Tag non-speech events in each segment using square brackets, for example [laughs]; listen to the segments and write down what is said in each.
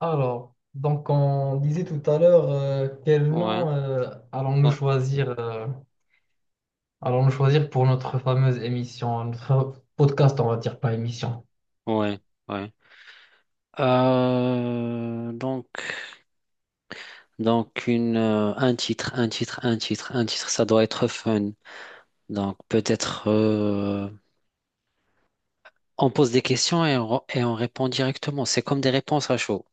Alors, donc on disait tout à l'heure quel Ouais, nom ouais, allons-nous choisir pour notre fameuse émission, notre podcast, on va dire pas émission. ouais, ouais. Euh, donc, donc une, un titre, un titre, ça doit être fun. Donc peut-être on pose des questions et on répond directement. C'est comme des réponses à chaud.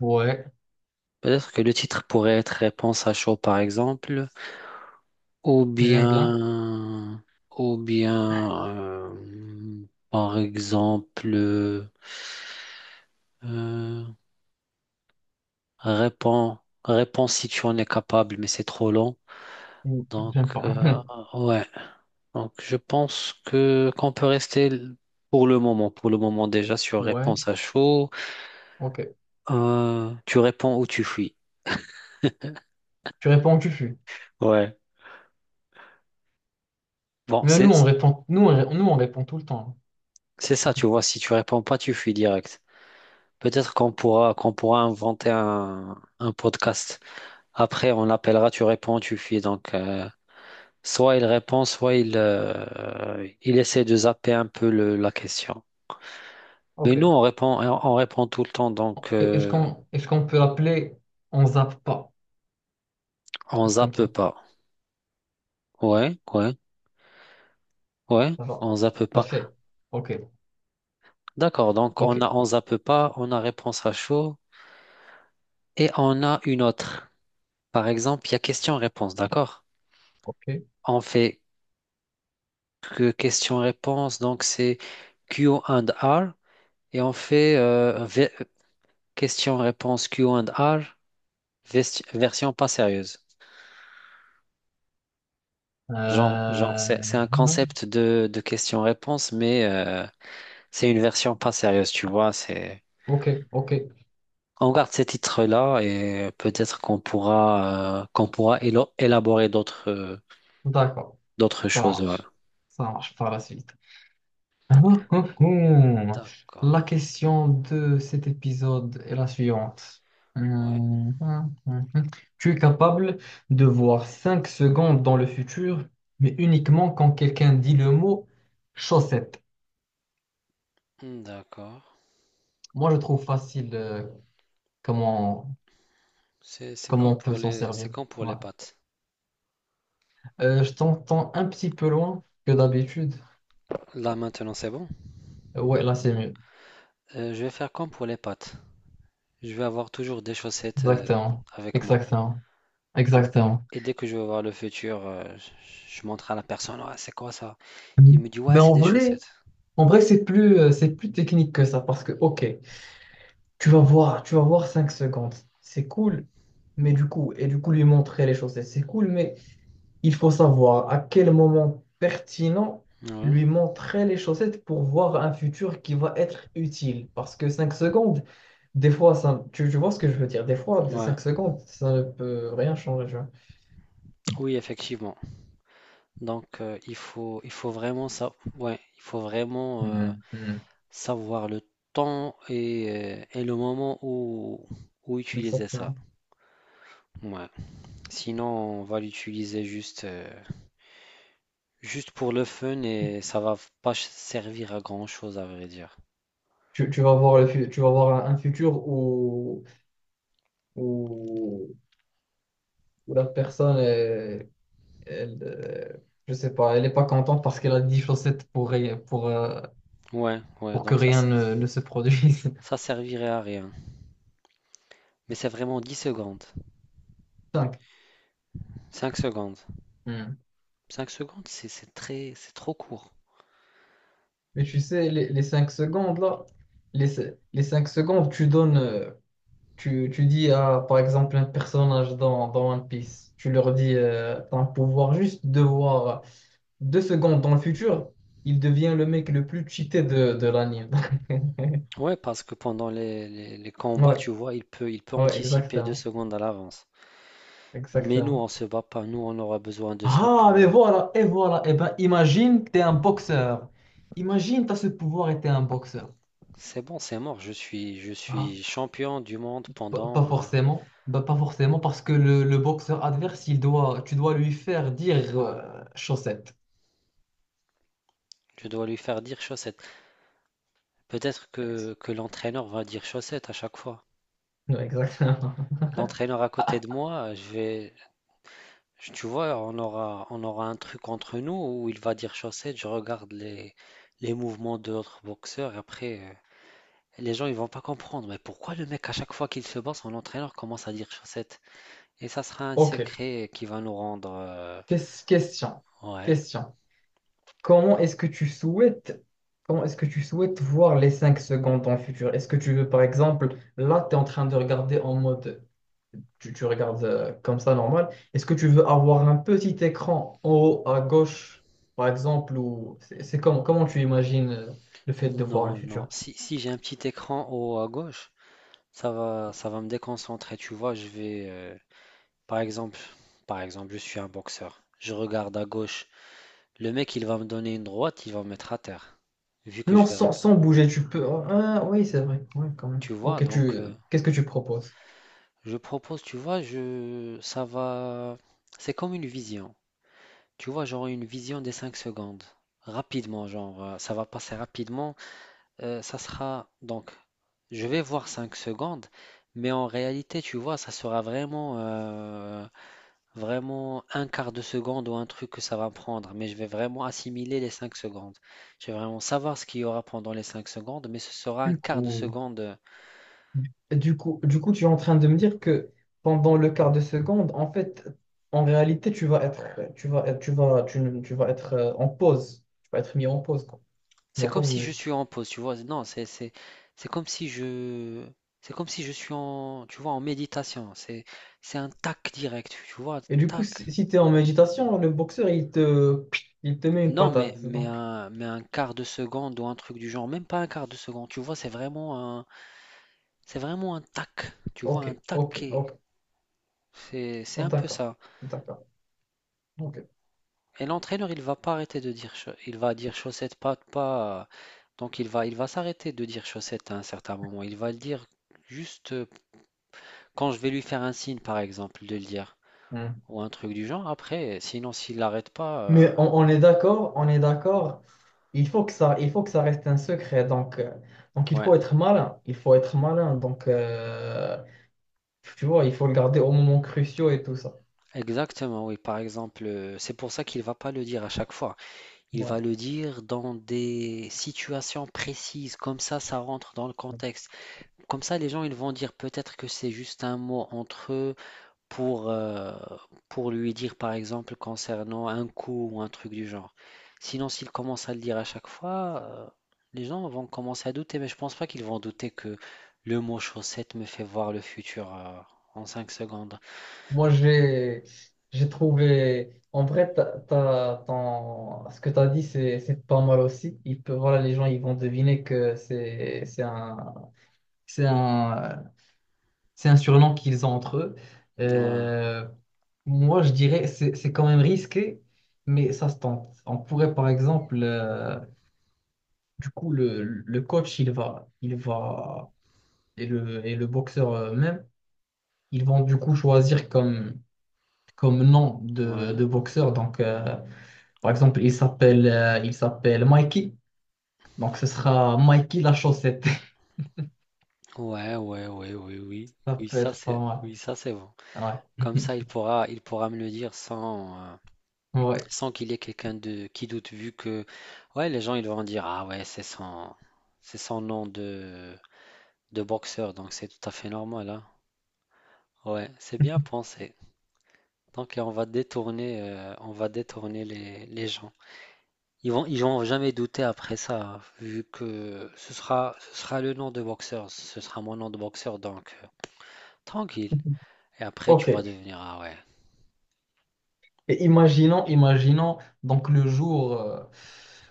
Ouais, Peut-être que le titre pourrait être réponse à chaud, par exemple, ou j'aime bien. bien, ou bien, par exemple. euh, Réponds, réponds si tu en es capable, mais c'est trop long. Ou Donc, j'aime pas. euh, [laughs] ouais. Donc, je pense que qu'on peut rester pour le moment déjà sur Ouais, réponse à chaud. ok. Tu réponds ou tu fuis. Tu réponds, tu fuis. Ouais. Bon, Mais c'est nous on répond, nous on répond tout le temps. c'est ça, tu vois. Si tu réponds pas, tu fuis direct. Peut-être qu'on pourra inventer un podcast. Après, on l'appellera. Tu réponds, tu fuis. Soit il répond, soit il essaie de zapper un peu la question. Mais nous, Ok. On répond tout le temps, Est-ce qu'on est-ce qu'on peut l'appeler on zappe pas? Un on truc comme zappe ça. pas. Ouais, ouais, ouais, Ça va. on zappe Ça pas. fait. Ok. D'accord, donc Ok. on a on zappe pas, on a réponse à chaud et on a une autre. Par exemple, il y a question-réponse, d'accord? Ok. On fait que question-réponse, donc c'est Q and R et on fait question-réponse Q and R version pas sérieuse. Genre Euh, c'est un non. concept de question-réponse, mais c'est une version pas sérieuse, tu vois. C'est Ok, ok. on garde ces titres-là et peut-être qu'on pourra élaborer d'autres D'accord. d'autres Ça choses. Ouais. marche. Ça marche par la suite. [laughs] Hum. D'accord, La question de cet épisode est la suivante. ouais. Hum, hum, hum, hum. Tu es capable de voir 5 secondes dans le futur, mais uniquement quand quelqu'un dit le mot chaussette. Hmm, d'accord. Moi, je trouve facile comment, comment on peut s'en C'est servir. comme pour Ouais. les pâtes. Je t'entends un petit peu loin que d'habitude. Là maintenant c'est bon. Ouais, là, c'est mieux. Je vais faire comme pour les pâtes. Je vais avoir toujours des chaussettes Exactement, avec moi. exactement, exactement. Et dès que je vais voir le futur, je montre à la personne, ah, c'est quoi ça? Mm. Il me dit ouais Mais c'est des chaussettes. en vrai, c'est plus technique que ça parce que, ok, tu vas voir 5 secondes, c'est cool, mais du coup, lui montrer les choses, et c'est cool, mais il faut savoir à quel moment pertinent Ouais, lui montrer les chaussettes pour voir un futur qui va être utile. Parce que 5 secondes, des fois, tu vois ce que je veux dire, des fois, ouais, 5 secondes, ça ne peut rien changer, tu vois. oui effectivement. Il faut vraiment ça, ouais, il faut vraiment Mhm, mhm. savoir le temps et et le moment où, où utiliser ça. Exactement. Ouais. Sinon, on va l'utiliser juste pour le fun et ça va pas ch- servir à grand-chose, à vrai dire. Tu vas voir le fu- tu vas voir un futur où, où, où la personne, elle, euh, je sais pas, elle n'est pas contente parce qu'elle a 10 chaussettes pour, Ouais, ouais, pour que donc ça, rien ne se produise. ça servirait à rien. Mais c'est vraiment 10 secondes, [laughs] Cinq. 5 secondes. Hmm. Cinq secondes, c'est trop court. Mais tu sais, les 5 secondes, là, les 5 secondes, tu dis à, par exemple, un personnage dans One Piece, tu leur dis, t'as un pouvoir juste de voir 2 secondes dans le futur, il devient le mec le plus cheaté de l'anime. Ouais, parce que pendant les combats, Ouais, tu vois, il peut ouais, anticiper deux exactement. secondes à l'avance. Mais nous, Exactement. on se bat pas. Nous, on aura besoin de ça Ah, pour. mais euh, voilà, et voilà. Et ben, imagine que tu es un boxeur. Imagine tu as ce pouvoir et tu es un boxeur. C'est bon, c'est mort. Je Ah, suis champion du monde pas pendant. forcément. Bah, pas forcément, parce que le boxeur adverse, tu dois lui faire dire chaussette. Je dois lui faire dire chaussette. Peut-être que l'entraîneur va dire chaussette à chaque fois. Ouais, exactement. [laughs] L'entraîneur à côté de moi, tu vois, on aura un truc entre nous où il va dire chaussette. Je regarde les mouvements de l'autre boxeur. Et après. Les gens ils vont pas comprendre, mais pourquoi le mec à chaque fois qu'il se bat, son entraîneur commence à dire chaussette? Et ça sera un Ok. secret qui va nous rendre... Question. Ouais. Question. Comment est-ce que tu souhaites, Comment est-ce que tu souhaites voir les 5 secondes dans le futur? Est-ce que tu veux, par exemple, là, tu es en train de regarder en mode. Tu regardes comme ça normal. Est-ce que tu veux avoir un petit écran en haut à gauche, par exemple, ou c'est comment tu imagines le fait de voir le Non, non. futur? Si j'ai un petit écran au haut à gauche, ça va me déconcentrer. Tu vois, je vais... Par exemple, par exemple, je suis un boxeur. Je regarde à gauche. Le mec, il va me donner une droite, il va me mettre à terre. Vu que Non, je vais... sans, reg- sans bouger, tu peux. Ah, ah, oui, c'est vrai. Ouais, quand même. Tu vois, Ok, donc... euh, qu'est-ce que tu proposes? Je propose, tu vois, je... ça va... C'est comme une vision. Tu vois, genre une vision des 5 secondes. Rapidement, ça va passer rapidement. Ça sera donc, je vais voir 5 secondes, mais en réalité, tu vois, ça sera vraiment un quart de seconde ou un truc que ça va prendre. Mais je vais vraiment assimiler les 5 secondes. Je vais vraiment savoir ce qu'il y aura pendant les 5 secondes, mais ce sera un Du quart de coup, seconde. du coup, tu es en train de me dire que pendant le quart de seconde, en fait, en réalité, tu, ne- tu vas être en pause. Tu vas être mis en pause, quoi. Tu C'est ne vas pas comme si je bouger. suis en pause, tu vois. Non, c'est comme si je c'est comme si je suis en tu vois en méditation. C'est un tac direct, tu vois, Et du coup, tac. si tu es en méditation, le boxeur, il te met une Non, mais patate. Donc, un quart de seconde ou un truc du genre, même pas un quart de seconde. Tu vois, c'est vraiment un tac. Tu vois ok, un ok, taquet. ok. C'est Oh, un peu d'accord, ça. d'accord, ok. Et l'entraîneur, il va pas arrêter de dire il va dire chaussette pas pas. Donc il va s'arrêter de dire chaussette à un certain moment. Il va le dire juste quand je vais lui faire un signe, par exemple, de le dire, Hmm. ou un truc du genre, après, sinon s'il l'arrête pas. Mais on est d'accord, on est d'accord. Il faut que ça, il faut que ça reste un secret. Donc il Ouais, faut être malin. Il faut être malin. Donc, tu vois, il faut le garder au moment cruciaux et tout ça. exactement, oui, par exemple, c'est pour ça qu'il va pas le dire à chaque fois. Il Ouais. va le dire dans des situations précises, comme ça rentre dans le contexte. Comme ça, les gens, ils vont dire peut-être que c'est juste un mot entre eux, pour, euh, pour lui dire par exemple concernant un coût ou un truc du genre. Sinon, s'il commence à le dire à chaque fois, les gens vont commencer à douter, mais je pense pas qu'ils vont douter que le mot chaussette me fait voir le futur en 5 secondes. Moi, j'ai trouvé. En vrai, ce que tu as dit, c'est pas mal aussi. Il peut, voilà, les gens ils vont deviner que c'est un, c'est un surnom qu'ils ont entre eux. Ouais, Euh, Moi, je dirais c'est quand même risqué, mais ça se tente. On pourrait, par exemple, le coach, et le boxeur même, ils vont du coup choisir comme nom de, ouais, de boxeur. Donc, par exemple, il s'appelle Mikey. Donc, ce sera Mikey la chaussette. ouais, ouais, ouais, oui, oui. [laughs] Ça peut être pas Oui, ça c'est bon. mal. Comme Ouais. ça, [laughs] il pourra me le dire sans Ouais. sans qu'il y ait quelqu'un de qui doute vu que ouais, les gens ils vont dire ah ouais, c'est son nom de boxeur, donc c'est tout à fait normal, hein. Ouais, c'est bien pensé. Donc on va on va détourner les gens. Ils vont jamais douter après ça, hein, vu que ce ce sera le nom de boxeur, ce sera mon nom de boxeur, tranquille. Et après tu vas OK. devenir ah ouais, Et imaginons donc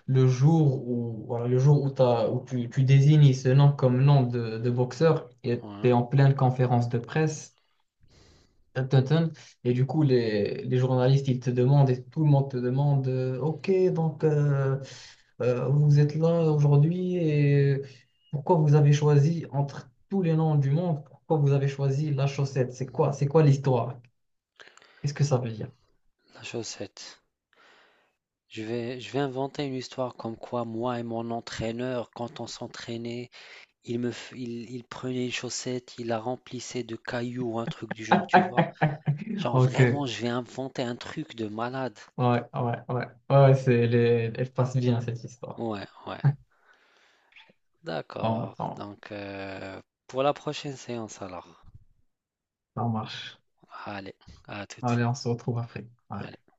le jour où voilà, le jour où, tu désignes ce nom comme nom de boxeur et tu es ouais, en pleine conférence de presse Dun, Et du coup, les journalistes, ils te demandent et tout le monde te demande, OK, donc, vous êtes là aujourd'hui et pourquoi vous avez choisi entre tous les noms du monde, pourquoi vous avez choisi la chaussette? C'est quoi l'histoire? Qu'est-ce que ça veut dire? la chaussette. Je vais inventer une histoire comme quoi moi et mon entraîneur, quand on s'entraînait, il prenait une chaussette, il la remplissait de cailloux, un truc du genre, tu vois. [laughs] Genre OK, vraiment, ouais, je vais inventer un truc de malade. ouais, ouais, ouais, ouais, elle passe bien cette histoire. Ouais, ouais. Bon, D'accord. bon, Pour la prochaine séance alors. ça marche. Allez, à toute. Allez, on se retrouve après. Ouais. Allez.